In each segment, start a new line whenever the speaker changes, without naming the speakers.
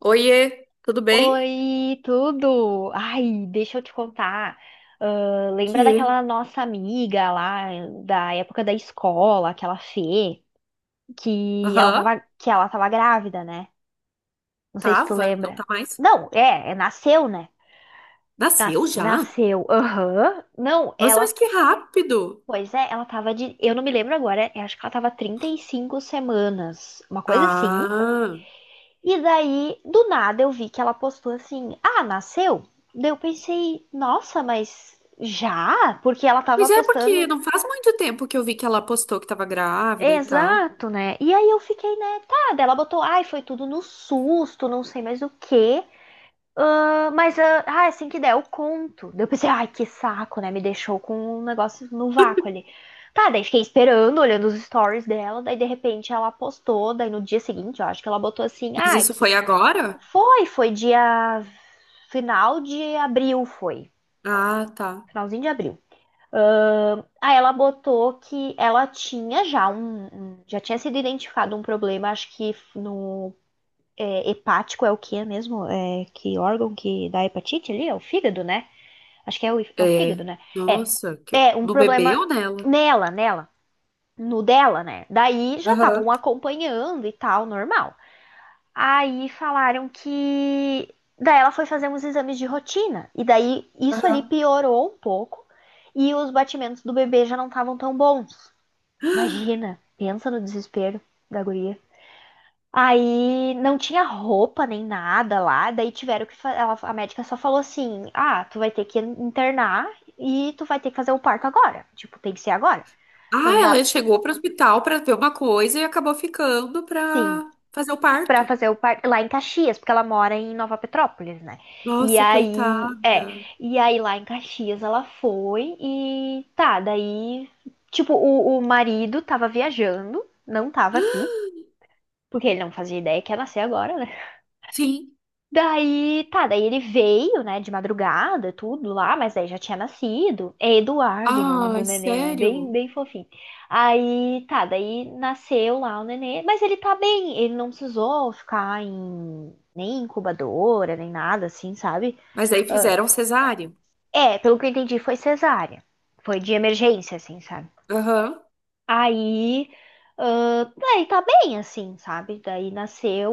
Oiê, tudo bem?
Oi, tudo? Ai, deixa eu te contar. Ah, lembra
Que?
daquela nossa amiga lá da época da escola, aquela Fê, que ela
Aham,
tava, que ela tava grávida, né? Não sei se tu
tava, não
lembra.
tá mais.
Não, nasceu, né?
Nasceu já?
Nasceu. Aham. Não,
Nossa,
ela.
mas que rápido!
Pois é, ela tava de. Eu não me lembro agora, eu acho que ela tava 35 semanas, uma coisa assim.
Ah,
E daí, do nada, eu vi que ela postou assim: ah, nasceu? Daí eu pensei, nossa, mas já? Porque ela tava
mas é porque
postando.
não faz muito tempo que eu vi que ela postou que tava grávida e tal.
Exato, né? E aí eu fiquei, né? Tá, daí ela botou, ai, foi tudo no susto, não sei mais o quê. Ah, mas, assim que der, eu conto. Daí eu pensei, ai, que saco, né? Me deixou com um negócio no vácuo ali. Tá, daí fiquei esperando, olhando os stories dela, daí de repente ela postou, daí no dia seguinte, eu acho que ela botou assim,
Mas isso
que
foi agora?
foi dia. Final de abril foi.
Ah, tá.
Finalzinho de abril. Aí ela botou que ela tinha já um. Já tinha sido identificado um problema, acho que no. Hepático é o que é mesmo? É, que órgão que dá hepatite ali? É o fígado, né? Acho que é o fígado,
É,
né? É.
nossa, que...
É um
Do bebê
problema
ou dela?
nela. No dela, né? Daí já
Aham.
estavam acompanhando e tal, normal. Aí falaram que. Daí ela foi fazer uns exames de rotina. E daí isso ali piorou um pouco. E os batimentos do bebê já não estavam tão bons. Imagina, pensa no desespero da guria. Aí não tinha roupa nem nada lá. Daí tiveram que. Ela, a médica só falou assim: tu vai ter que internar e tu vai ter que fazer o parto agora. Tipo, tem que ser agora. Não
Ah,
dá.
ela chegou pro hospital pra ver uma coisa e acabou ficando
Sim,
pra fazer o
pra
parto.
fazer o par lá em Caxias, porque ela mora em Nova Petrópolis, né? E
Nossa, coitada.
aí, é, e aí lá em Caxias ela foi e tá, daí, tipo, o marido tava viajando, não tava aqui, porque ele não fazia ideia que ia nascer agora, né?
Sim.
Daí, tá, daí ele veio, né, de madrugada, tudo lá, mas aí já tinha nascido. É Eduardo o nome do
Ai,
nenê, né? Bem,
sério?
bem fofinho. Aí, tá, daí nasceu lá o nenê, mas ele tá bem, ele não precisou ficar em nem incubadora, nem nada assim, sabe?
Mas aí fizeram cesáreo.
É, pelo que eu entendi, foi cesárea. Foi de emergência, assim, sabe?
Aham.
Aí, daí tá bem, assim, sabe? Daí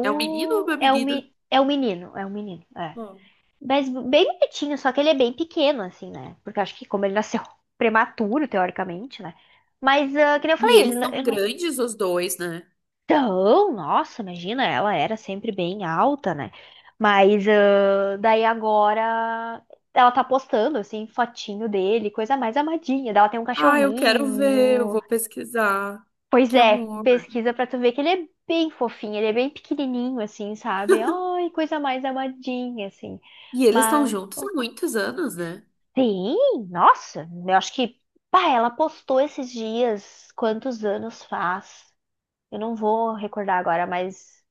É um menino ou uma menina?
É um menino, é.
Bom,
Mas bem bonitinho, só que ele é bem pequeno, assim, né? Porque eu acho que como ele nasceu prematuro, teoricamente, né? Mas, que nem eu
e
falei, ele
eles
não.
são
Eu não-
grandes, os dois, né?
Então, nossa, imagina, ela era sempre bem alta, né? Mas daí agora ela tá postando, assim, fotinho dele, coisa mais amadinha. Daí ela tem um
Ah, eu quero ver, eu
cachorrinho.
vou pesquisar.
Pois
Que
é,
amor.
pesquisa pra tu ver que ele é bem fofinho, ele é bem pequenininho, assim, sabe? Ai, coisa mais amadinha, assim.
E eles estão
Mas.
juntos há muitos anos, né?
Sim, nossa, eu acho que, pá, ela postou esses dias, quantos anos faz? Eu não vou recordar agora, mas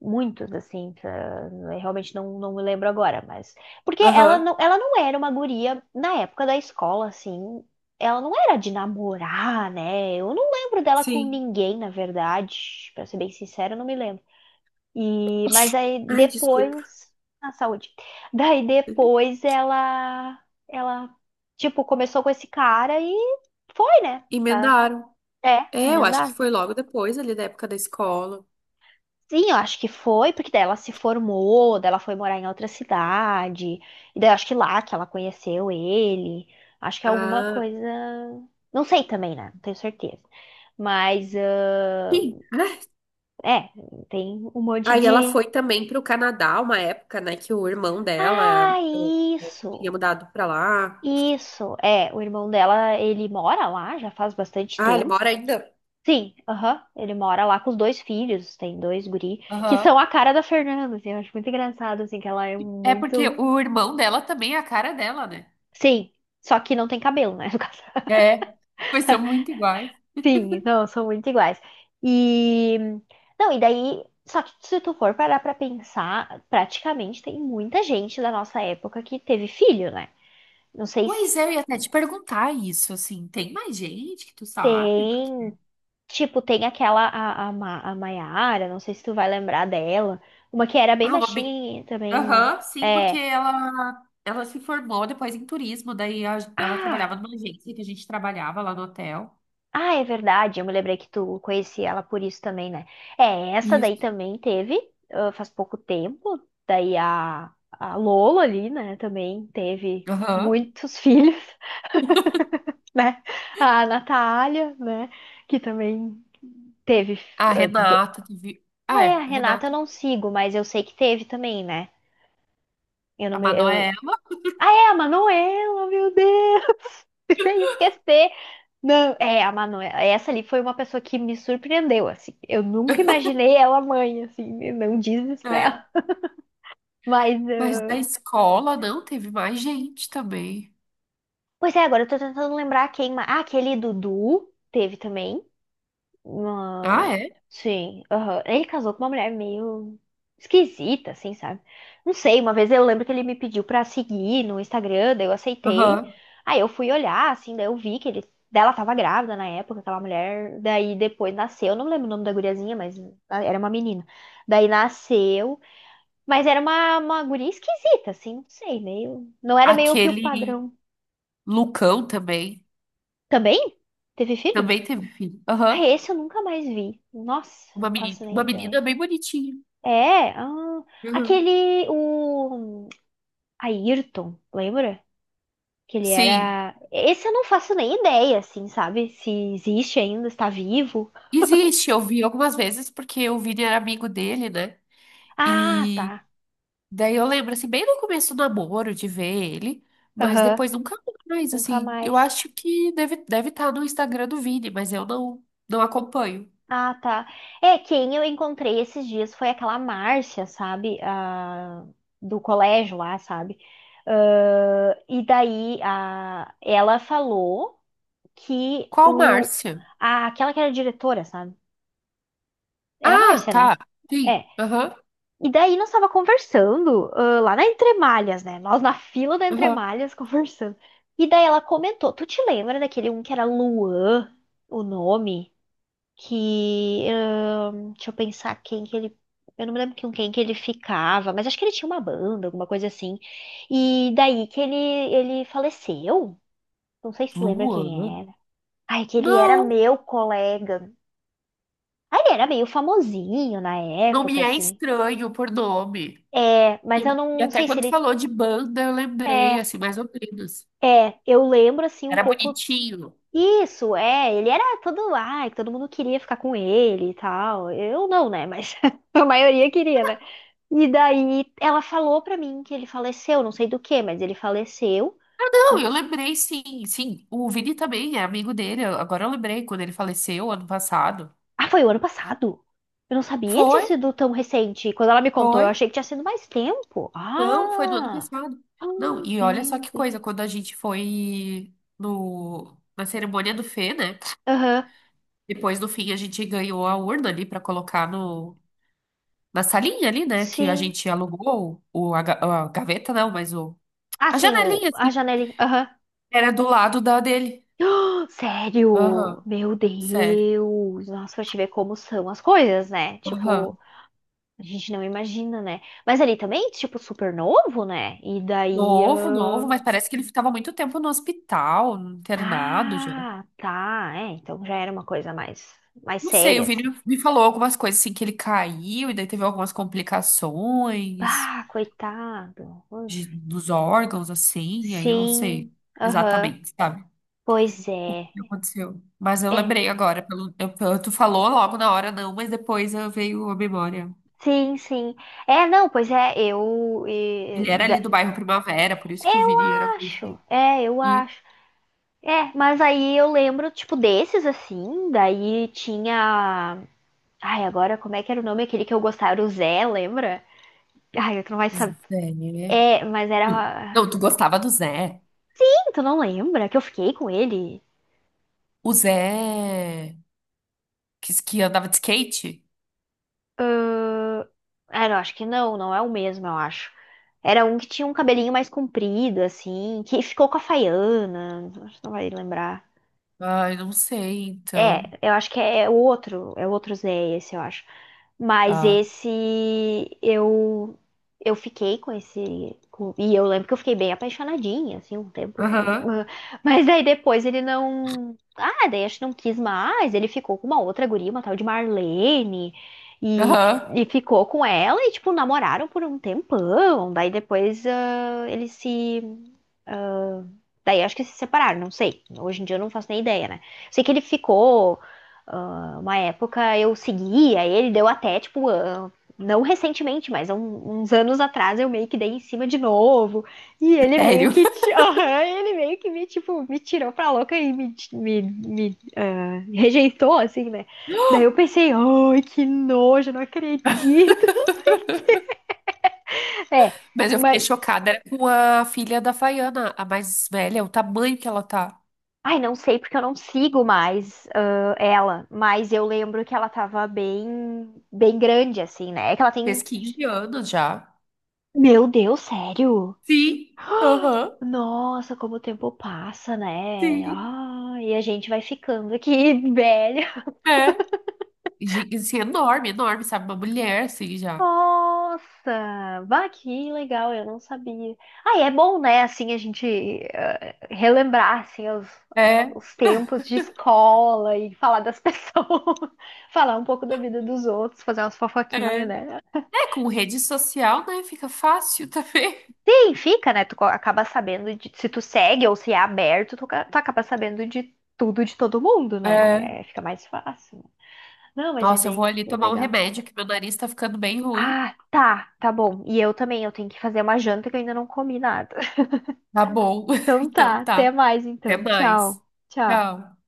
muitos, assim, eu realmente não me lembro agora, mas. Porque ela
Aham,
não, ela não era uma guria, na época da escola, assim, ela não era de namorar, né? Eu não lembro dela com
sim.
ninguém, na verdade, pra ser bem sincera, eu não me lembro. E, mas aí
Ai, desculpa.
depois, a saúde. Daí depois ela, tipo, começou com esse cara e foi, né? Tá,
Emendaram.
é,
É, eu acho que
emendar.
foi logo depois ali da época da escola.
Sim, eu acho que foi, porque daí ela se formou, daí ela foi morar em outra cidade, e daí eu acho que lá que ela conheceu ele. Acho que é alguma
Ah,
coisa. Não sei também, né? Não tenho certeza. Mas,
sim. Ah,
é, tem um monte
aí ela
de.
foi também pro Canadá, uma época, né, que o irmão dela
Ah,
tinha
isso!
mudado pra lá.
Isso, é, o irmão dela, ele mora lá já faz bastante
Ah, ele
tempo.
mora ainda?
Sim, aham, ele mora lá com os dois filhos, tem dois guri, que são
Aham.
a cara da Fernanda, assim, eu acho muito engraçado, assim, que ela é
É porque
muito.
o irmão dela também é a cara dela, né?
Sim, só que não tem cabelo, né, no caso.
É. Pois são muito iguais.
Sim, não, são muito iguais. E. Não, e daí. Só que se tu for parar pra pensar, praticamente tem muita gente da nossa época que teve filho, né? Não sei se
Pois é, eu ia até te perguntar isso, assim, tem mais gente que tu sabe? Porque...
tem. Tipo, tem aquela, a Maiara, não sei se tu vai lembrar dela. Uma que era bem
Ah, uma bem...
baixinha e também.
Aham, sim, porque
É.
ela se formou depois em turismo, daí ela trabalhava
Ah!
numa agência que a gente trabalhava lá no hotel.
Ah, é verdade. Eu me lembrei que tu conhecia ela por isso também, né? É, essa daí
Isso.
também teve, faz pouco tempo. Daí a Lola ali, né? Também teve
Aham.
muitos filhos, né? A Natália, né? Que também teve.
A
ah, do-
Renata teve... Ah,
Ah, é, a
é, a
Renata eu
Renata,
não sigo, mas eu sei que teve também, né? Eu não
a
me,
Manoela,
eu. Ah, é a Manuela, meu Deus! Sem esquecer. Não, é, a Manuela. Essa ali foi uma pessoa que me surpreendeu, assim. Eu nunca imaginei ela mãe, assim, né. Não diz isso pra ela.
né?
Mas.
Mas da
Ah.
escola, não, teve mais gente também.
Pois é, agora eu tô tentando lembrar quem. Ah, aquele Dudu teve também.
Ah,
Uma.
é?
Sim, aham. Ele casou com uma mulher meio esquisita, assim, sabe? Não sei, uma vez eu lembro que ele me pediu pra seguir no Instagram, daí eu aceitei.
Aham.
Aí eu fui olhar, assim, daí eu vi que ele. Dela tava grávida na época, aquela mulher. Daí depois nasceu, eu não lembro o nome da guriazinha, mas era uma menina. Daí nasceu, mas era uma guria esquisita, assim, não sei, meio. Não era meio que o
Aquele.
padrão.
Lucão também.
Também? Teve filho?
Também teve filho.
Ah,
Aham.
esse eu nunca mais vi. Nossa, não faço
Uma
nem ideia.
menina bem bonitinha.
É, ah,
Uhum.
aquele, o Ayrton, lembra? Que ele
Sim.
era. Esse eu não faço nem ideia, assim, sabe? Se existe ainda, está vivo.
Existe, eu vi algumas vezes, porque o Vini era amigo dele, né?
Ah,
E
tá.
daí eu lembro, assim, bem no começo do namoro, de ver ele, mas
Aham,
depois nunca mais,
nunca
assim. Eu
mais.
acho que deve, deve estar no Instagram do Vini, mas eu não acompanho.
Ah, tá. É, quem eu encontrei esses dias foi aquela Márcia, sabe? A. Do colégio lá, sabe? Ah, e daí a. Ela falou que
Qual
o.
Márcia?
A. Aquela que era diretora, sabe? Era a
Ah,
Márcia, né?
tá.
É.
Sim. Aham.
E daí nós tava conversando, ah, lá na Entremalhas, né? Nós na fila da
Aham.
Entremalhas conversando. E daí ela comentou, tu te lembra daquele um que era Luan, o nome? Que, deixa eu pensar quem que ele, eu não me lembro com quem que ele ficava, mas acho que ele tinha uma banda, alguma coisa assim. E daí que ele faleceu, não sei se tu lembra
Luana?
quem era. Ai, que ele era
Não,
meu colega. Ai, ele era meio famosinho na
não
época,
me é
assim.
estranho por nome.
É, mas
E,
eu
e
não
até
sei se
quando
ele.
falou de banda, eu lembrei,
É,
assim, mais ou menos.
é, eu lembro assim um
Era
pouco.
bonitinho.
Isso, é, ele era todo, ai, todo mundo queria ficar com ele e tal. Eu não, né? Mas a maioria queria, né? E daí ela falou pra mim que ele faleceu, não sei do que, mas ele faleceu.
Não, eu lembrei, sim, sim. O Vini também é amigo dele. Agora eu lembrei quando ele faleceu ano passado.
Ah, foi o ano passado. Eu não sabia que tinha
Foi,
sido tão recente. Quando ela me contou, eu
foi.
achei que tinha sido mais tempo.
Não, foi no ano
Ah!
passado.
Ah,
Não, e olha só
meu
que
Deus.
coisa, quando a gente foi no, na cerimônia do Fê, né?
Aham,
Depois, no fim, a gente ganhou a urna ali pra colocar no, na salinha ali, né? Que a
sim.
gente alugou a gaveta, não, mas
Ah,
a
sim, o,
janelinha,
a
assim.
janelinha. Aham.
Era do lado da dele.
Sério?
Aham,
Meu
sério.
Deus! Nossa, pra te ver como são as coisas, né? Tipo,
Aham.
a gente não imagina, né? Mas ali também, tipo, super novo, né? E daí.
Novo, novo, mas parece que ele ficava muito tempo no hospital, internado já.
Ah, tá. É, então já era uma coisa mais
Não sei,
séria,
o Vini
assim.
me falou algumas coisas assim que ele caiu e daí teve algumas complicações
Ah, coitado. Uf.
dos órgãos, assim, aí eu não
Sim,
sei
aham.
exatamente, sabe?
Pois
O
é.
que aconteceu. Mas eu
É.
lembrei agora, tu falou logo na hora, não, mas depois eu veio a memória.
Sim, sim. É, não, pois é, eu. E-
Ele era
da-
ali do bairro Primavera, por isso que o
Eu
Vini era
acho.
conhecido.
É, eu
E
acho. É, mas aí eu lembro, tipo, desses assim, daí tinha. Ai, agora como é que era o nome aquele que eu gostava? Era o Zé, lembra? Ai, tu não vai saber.
Zé, né?
É, mas
Não,
era.
tu gostava do Zé.
Ih, tu não lembra que eu fiquei com ele?
O Zé que andava de skate?
Ah, eu acho que não, não é o mesmo, eu acho. Era um que tinha um cabelinho mais comprido, assim, que ficou com a Faiana. Acho que não vai lembrar.
Ai, não sei, então.
É, eu acho que é o outro Zé, esse, eu acho. Mas
Ah.
esse eu eu fiquei com esse e eu lembro que eu fiquei bem apaixonadinha assim um tempo,
Aham.
mas aí depois ele não, daí acho que não quis mais, ele ficou com uma outra guria, uma tal de Marlene. E,
Aham,
e ficou com ela e, tipo, namoraram por um tempão. Daí depois ele se. Daí acho que se separaram, não sei. Hoje em dia eu não faço nem ideia, né? Sei que ele ficou. Uma época eu seguia ele, deu até, tipo, não recentemente, mas há uns anos atrás eu meio que dei em cima de novo. E ele meio
sério.
que. Aham, ele meio que me, tipo, me tirou pra louca e me rejeitou, assim, né? Daí eu pensei, ai, que nojo, não acredito.
Mas
É,
eu fiquei
mas.
chocada. Era com a filha da Faiana, a mais velha, o tamanho que ela tá.
Ai, não sei porque eu não sigo mais ela, mas eu lembro que ela tava bem, bem grande, assim, né? É que ela
Fez
tem.
15 anos já.
Meu Deus, sério?
Sim, aham.
Nossa, como o tempo passa, né?
Sim.
Ah, e a gente vai ficando aqui velho.
É. Gi- Assim, enorme, enorme, sabe? Uma mulher, assim, já.
Nossa, bah, que legal, eu não sabia. Ah, e é bom, né, assim, a gente relembrar, assim, os, a-
É,
os tempos de escola e falar das pessoas, falar um pouco da vida dos outros, fazer umas fofoquinhas,
é.
né?
É, com rede social, né? Fica fácil também.
Sim, fica, né, tu acaba sabendo de, se tu segue ou se é aberto, tu acaba sabendo de tudo de todo mundo,
É.
né? É, fica mais fácil. Não, mas é
Nossa, eu vou
bem,
ali
bem
tomar um
legal.
remédio, que meu nariz tá ficando bem ruim.
Ah, tá, tá bom. E eu também, eu tenho que fazer uma janta que eu ainda não comi nada.
Tá bom.
Então tá,
Então
até
tá.
mais
Até
então. Tchau,
mais.
tchau.
Tchau.